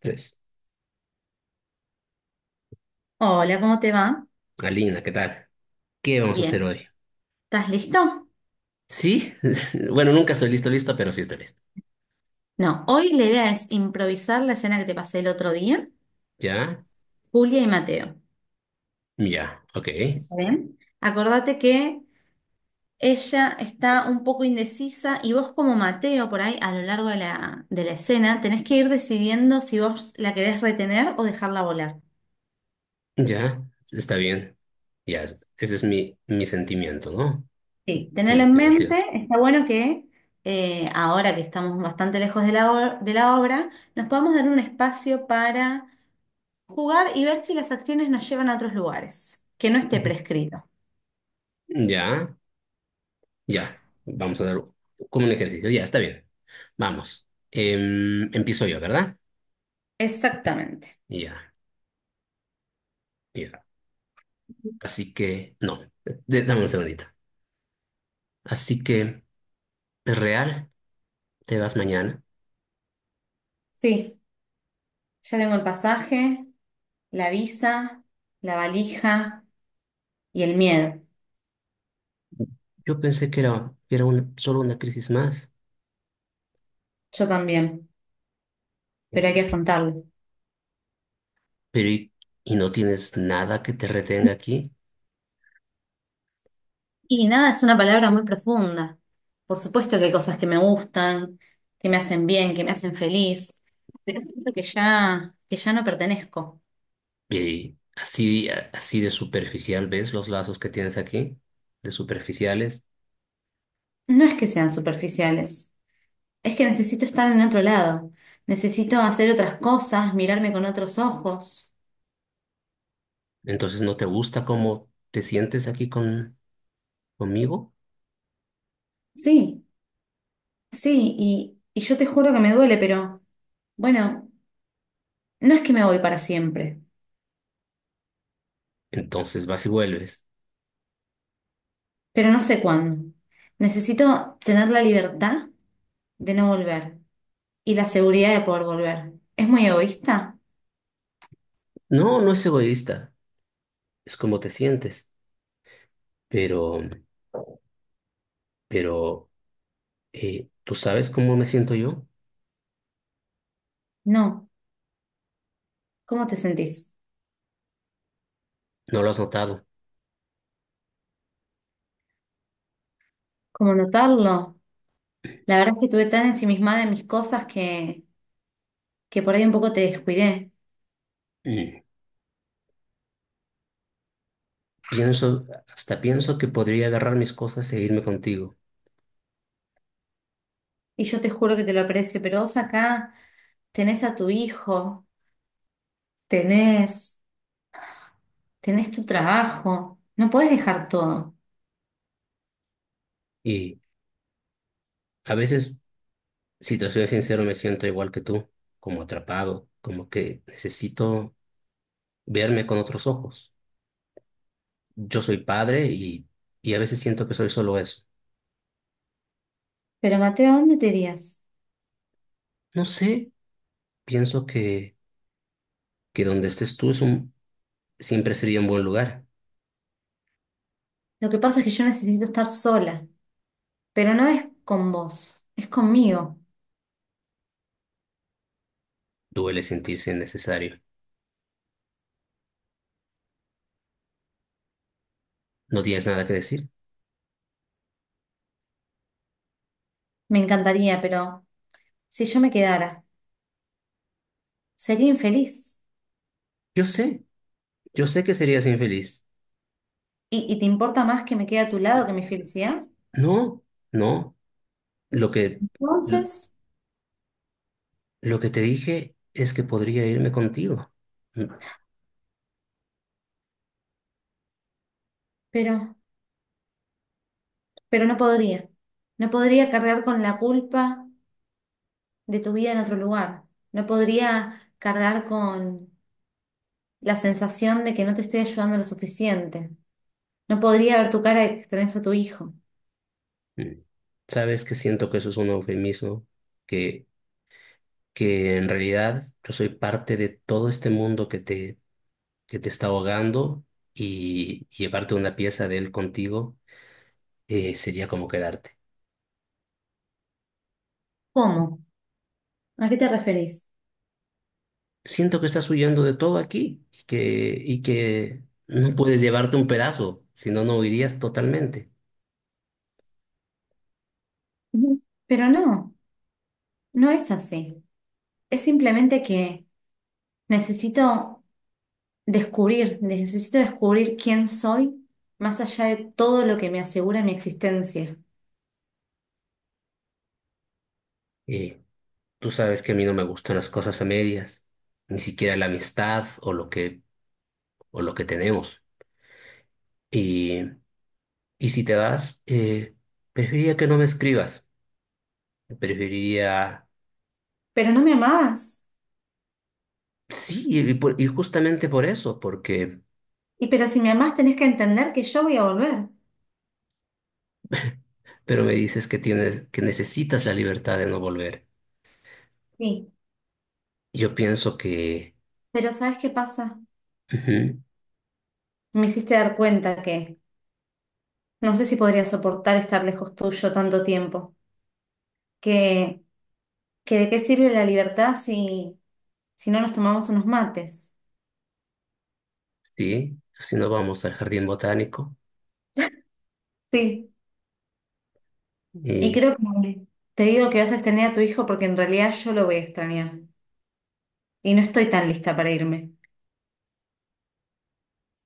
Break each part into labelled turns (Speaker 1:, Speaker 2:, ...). Speaker 1: Tres.
Speaker 2: Hola, ¿cómo te va?
Speaker 1: Alina, ¿qué tal? ¿Qué vamos a hacer
Speaker 2: Bien,
Speaker 1: hoy?
Speaker 2: ¿estás listo?
Speaker 1: Sí, bueno, nunca estoy listo, listo, pero sí estoy listo.
Speaker 2: No, hoy la idea es improvisar la escena que te pasé el otro día,
Speaker 1: ¿Ya?
Speaker 2: Julia y Mateo.
Speaker 1: Ya, ok.
Speaker 2: ¿Bien? Acordate que ella está un poco indecisa y vos como Mateo por ahí a lo largo de la escena tenés que ir decidiendo si vos la querés retener o dejarla volar.
Speaker 1: Ya, está bien. Ya, ese es mi sentimiento, ¿no?
Speaker 2: Sí,
Speaker 1: Mi
Speaker 2: tenerlo en
Speaker 1: motivación.
Speaker 2: mente, está bueno que ahora que estamos bastante lejos de la obra, nos podamos dar un espacio para jugar y ver si las acciones nos llevan a otros lugares, que no esté
Speaker 1: Ujú.
Speaker 2: prescrito.
Speaker 1: Ya, ya. Vamos a dar como un ejercicio. Ya, está bien. Vamos. Empiezo yo, ¿verdad?
Speaker 2: Exactamente.
Speaker 1: Ya, ya. Así que, no, dame un segundito. Así que, ¿es real? ¿Te vas mañana?
Speaker 2: Sí, ya tengo el pasaje, la visa, la valija y el miedo.
Speaker 1: Yo pensé que era solo una crisis más.
Speaker 2: Yo también, pero hay que afrontarlo.
Speaker 1: Pero y no tienes nada que te retenga aquí.
Speaker 2: Y nada, es una palabra muy profunda. Por supuesto que hay cosas que me gustan, que me hacen bien, que me hacen feliz, pero siento que ya no pertenezco.
Speaker 1: Y así, así de superficial, ¿ves los lazos que tienes aquí? De superficiales.
Speaker 2: No es que sean superficiales, es que necesito estar en otro lado, necesito hacer otras cosas, mirarme con otros ojos.
Speaker 1: Entonces no te gusta cómo te sientes conmigo.
Speaker 2: Sí, sí, y yo te juro que me duele, pero bueno, no es que me voy para siempre,
Speaker 1: Entonces vas y vuelves.
Speaker 2: pero no sé cuándo. Necesito tener la libertad de no volver y la seguridad de poder volver. ¿Es muy egoísta?
Speaker 1: No, no es egoísta. Es como te sientes. Pero, pero, ¿tú sabes cómo me siento yo?
Speaker 2: No. ¿Cómo te sentís?
Speaker 1: No lo has notado.
Speaker 2: ¿Cómo notarlo? La verdad es que estuve tan ensimismada en mis cosas que por ahí un poco te descuidé.
Speaker 1: Mm. Pienso, hasta pienso que podría agarrar mis cosas e irme contigo.
Speaker 2: Y yo te juro que te lo aprecio, pero vos acá tenés a tu hijo, tenés, tenés tu trabajo, no podés dejar todo.
Speaker 1: Y a veces, si te soy sincero, me siento igual que tú, como atrapado, como que necesito verme con otros ojos. Yo soy padre y a veces siento que soy solo eso.
Speaker 2: Pero Mateo, ¿a dónde te irías?
Speaker 1: No sé, pienso que donde estés tú siempre sería un buen lugar.
Speaker 2: Lo que pasa es que yo necesito estar sola, pero no es con vos, es conmigo.
Speaker 1: Duele sentirse innecesario. No tienes nada que decir.
Speaker 2: Me encantaría, pero si yo me quedara, sería infeliz.
Speaker 1: Yo sé, yo sé que serías infeliz.
Speaker 2: ¿Y te importa más que me quede a tu lado que mi felicidad?
Speaker 1: No, no. Lo que,
Speaker 2: Entonces,
Speaker 1: lo que te dije es que podría irme contigo.
Speaker 2: pero, pero no podría. No podría cargar con la culpa de tu vida en otro lugar. No podría cargar con la sensación de que no te estoy ayudando lo suficiente. No podría ver tu cara de que extrañas a tu hijo.
Speaker 1: Mm. Sabes que siento que eso es un eufemismo, que, que en realidad yo soy parte de todo este mundo que te está ahogando y llevarte una pieza de él contigo, sería como quedarte.
Speaker 2: ¿Cómo? ¿A qué te referís?
Speaker 1: Siento que estás huyendo de todo aquí y que no puedes llevarte un pedazo, si no, no huirías totalmente.
Speaker 2: Ujú. Pero no, no es así. Es simplemente que necesito necesito descubrir quién soy más allá de todo lo que me asegura mi existencia.
Speaker 1: Y tú sabes que a mí no me gustan las cosas a medias, ni siquiera la amistad o lo que tenemos. Y si te vas, preferiría que no me escribas. Preferiría,
Speaker 2: Pero no me amabas.
Speaker 1: sí, y justamente por eso, porque,
Speaker 2: Y pero si me amás tenés que entender que yo voy a volver.
Speaker 1: pero me dices que tienes, que necesitas la libertad de no volver.
Speaker 2: Sí,
Speaker 1: Yo pienso que,
Speaker 2: pero ¿sabes qué pasa?
Speaker 1: ujú,
Speaker 2: Me hiciste dar cuenta que no sé si podría soportar estar lejos tuyo tanto tiempo. que, que de qué sirve la libertad si no nos tomamos unos mates.
Speaker 1: sí, si no vamos al jardín botánico.
Speaker 2: Sí, y
Speaker 1: Y
Speaker 2: creo que te digo que vas a extrañar a tu hijo porque en realidad yo lo voy a extrañar y no estoy tan lista para irme.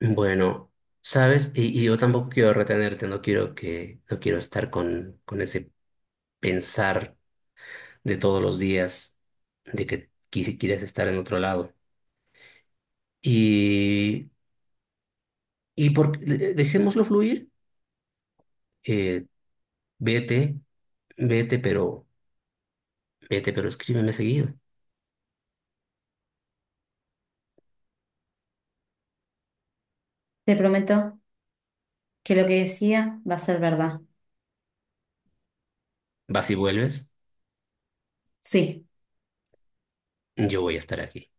Speaker 1: bueno, ¿sabes? Y yo tampoco quiero retenerte, no quiero que, no quiero con ese pensar de todos los días de que quieres estar en otro lado. Y, y por, dejémoslo fluir. eh, vete, vete, pero vete, pero escríbeme seguido.
Speaker 2: Te prometo que lo que decía va a ser verdad.
Speaker 1: Vas y vuelves,
Speaker 2: Sí.
Speaker 1: yo voy a estar aquí.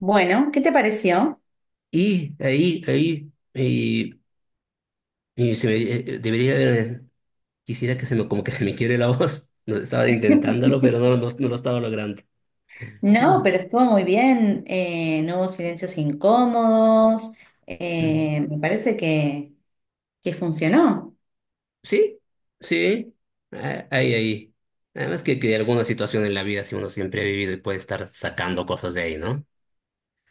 Speaker 2: Bueno, ¿qué te pareció?
Speaker 1: Y ahí, ahí, y se me, debería haber, quisiera que se me, como que se me quiebre la voz. No, estaba intentándolo, pero no, no, no lo estaba logrando.
Speaker 2: No, pero estuvo muy bien. No hubo silencios incómodos.
Speaker 1: Mm.
Speaker 2: Me parece que funcionó.
Speaker 1: Sí, sí, ah, ahí, ahí. Además que alguna situación en la vida, si uno siempre ha vivido y puede estar sacando cosas de ahí, ¿no?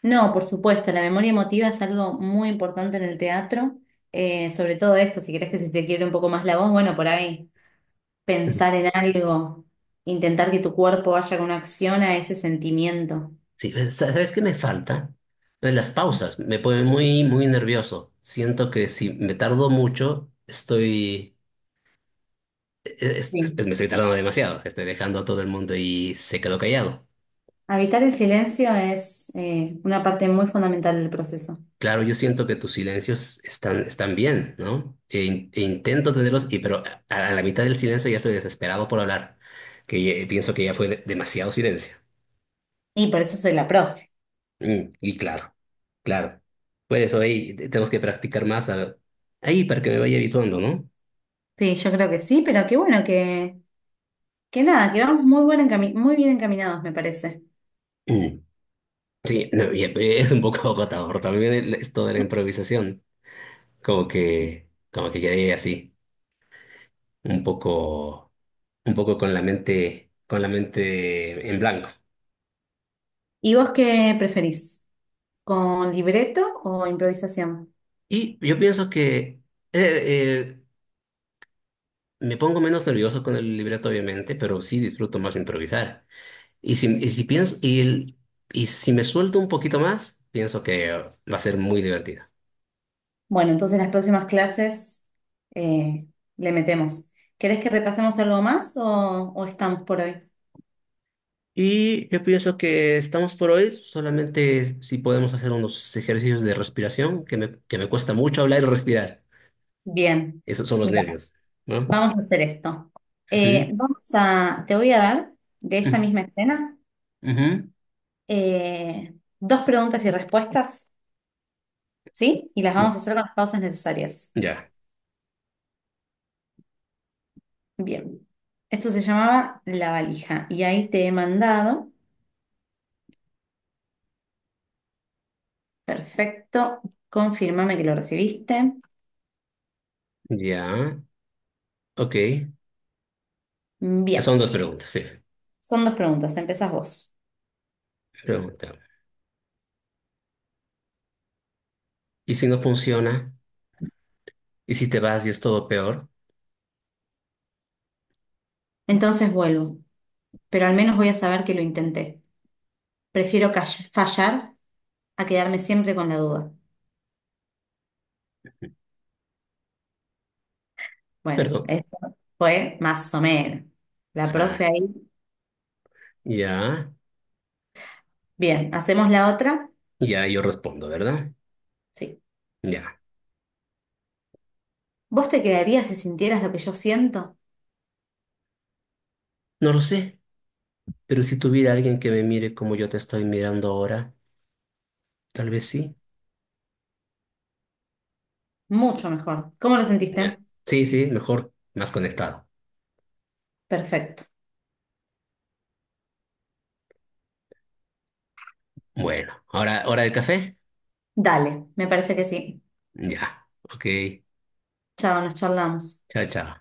Speaker 2: No, por supuesto, la memoria emotiva es algo muy importante en el teatro, sobre todo esto, si querés que se te quiebre un poco más la voz, bueno, por ahí pensar en algo, intentar que tu cuerpo vaya con una acción a ese sentimiento.
Speaker 1: Sí, pues, ¿sabes qué me falta? Pues las pausas, me pone muy, muy nervioso. Siento que si me tardo mucho, estoy, pues,
Speaker 2: Sí.
Speaker 1: me estoy tardando demasiado, o sea, estoy dejando a todo el mundo y se quedó callado.
Speaker 2: Habitar el silencio es una parte muy fundamental del proceso.
Speaker 1: Claro, yo siento que tus silencios están, están bien, ¿no? E intento tenerlos, y, pero a la mitad del silencio ya estoy desesperado por hablar, pienso que ya fue demasiado silencio.
Speaker 2: Y por eso soy la profe.
Speaker 1: Mm, y claro, claro. Por eso ahí tenemos que practicar más ahí para que me vaya habituando, ¿no?
Speaker 2: Sí, yo creo que sí, pero qué bueno que nada, que vamos muy muy bien encaminados, me parece.
Speaker 1: Mm. Sí, no, y es un poco agotador también esto de la improvisación.
Speaker 2: Sí.
Speaker 1: Como que quedé así, un poco, un poco con la mente en blanco.
Speaker 2: ¿Y vos qué preferís? ¿Con libreto o improvisación?
Speaker 1: Y yo pienso que eh, me pongo menos nervioso con el libreto, obviamente, pero sí disfruto más improvisar. Y si pienso, y, el- y si me suelto un poquito más, pienso que va a ser muy divertido.
Speaker 2: Bueno, entonces en las próximas clases eh, le metemos. ¿Querés que repasemos algo más o estamos por hoy?
Speaker 1: Y yo pienso que estamos por hoy, solamente si podemos hacer unos ejercicios de respiración, que me cuesta mucho hablar y respirar.
Speaker 2: Bien,
Speaker 1: Esos son los
Speaker 2: mira,
Speaker 1: nervios, ¿no?
Speaker 2: vamos a hacer esto.
Speaker 1: Ujú,
Speaker 2: Te voy a dar de esta
Speaker 1: mm,
Speaker 2: misma escena
Speaker 1: ujú.
Speaker 2: eh, dos preguntas y respuestas, ¿sí? Y las
Speaker 1: Mm,
Speaker 2: vamos a hacer con las pausas necesarias.
Speaker 1: ya,
Speaker 2: Bien, esto se llamaba la valija y ahí te he mandado. Perfecto, confírmame que lo recibiste.
Speaker 1: ya, ok. Son
Speaker 2: Bien,
Speaker 1: dos preguntas, sí.
Speaker 2: son dos preguntas, empezás vos.
Speaker 1: Pregunta. ¿Y si no funciona? ¿Y si te vas y es todo peor?
Speaker 2: Entonces vuelvo, pero al menos voy a saber que lo intenté. Prefiero fallar a quedarme siempre con la duda. Bueno,
Speaker 1: Perdón.
Speaker 2: esto fue más o menos. La
Speaker 1: Ah,
Speaker 2: profe ahí.
Speaker 1: ya,
Speaker 2: Bien, ¿hacemos la otra?
Speaker 1: ya, yo respondo, ¿verdad?
Speaker 2: Sí.
Speaker 1: Ya.
Speaker 2: ¿Vos te quedarías si sintieras lo que yo siento?
Speaker 1: No lo sé, pero si tuviera alguien que me mire como yo te estoy mirando ahora, tal vez sí.
Speaker 2: Mucho mejor. ¿Cómo lo
Speaker 1: Ya.
Speaker 2: sentiste?
Speaker 1: Sí, sí, mejor más conectado.
Speaker 2: Perfecto.
Speaker 1: Bueno, ahora hora del café.
Speaker 2: Dale, me parece que sí.
Speaker 1: Ya. Ok.
Speaker 2: Chao, nos charlamos.
Speaker 1: Chao, chao.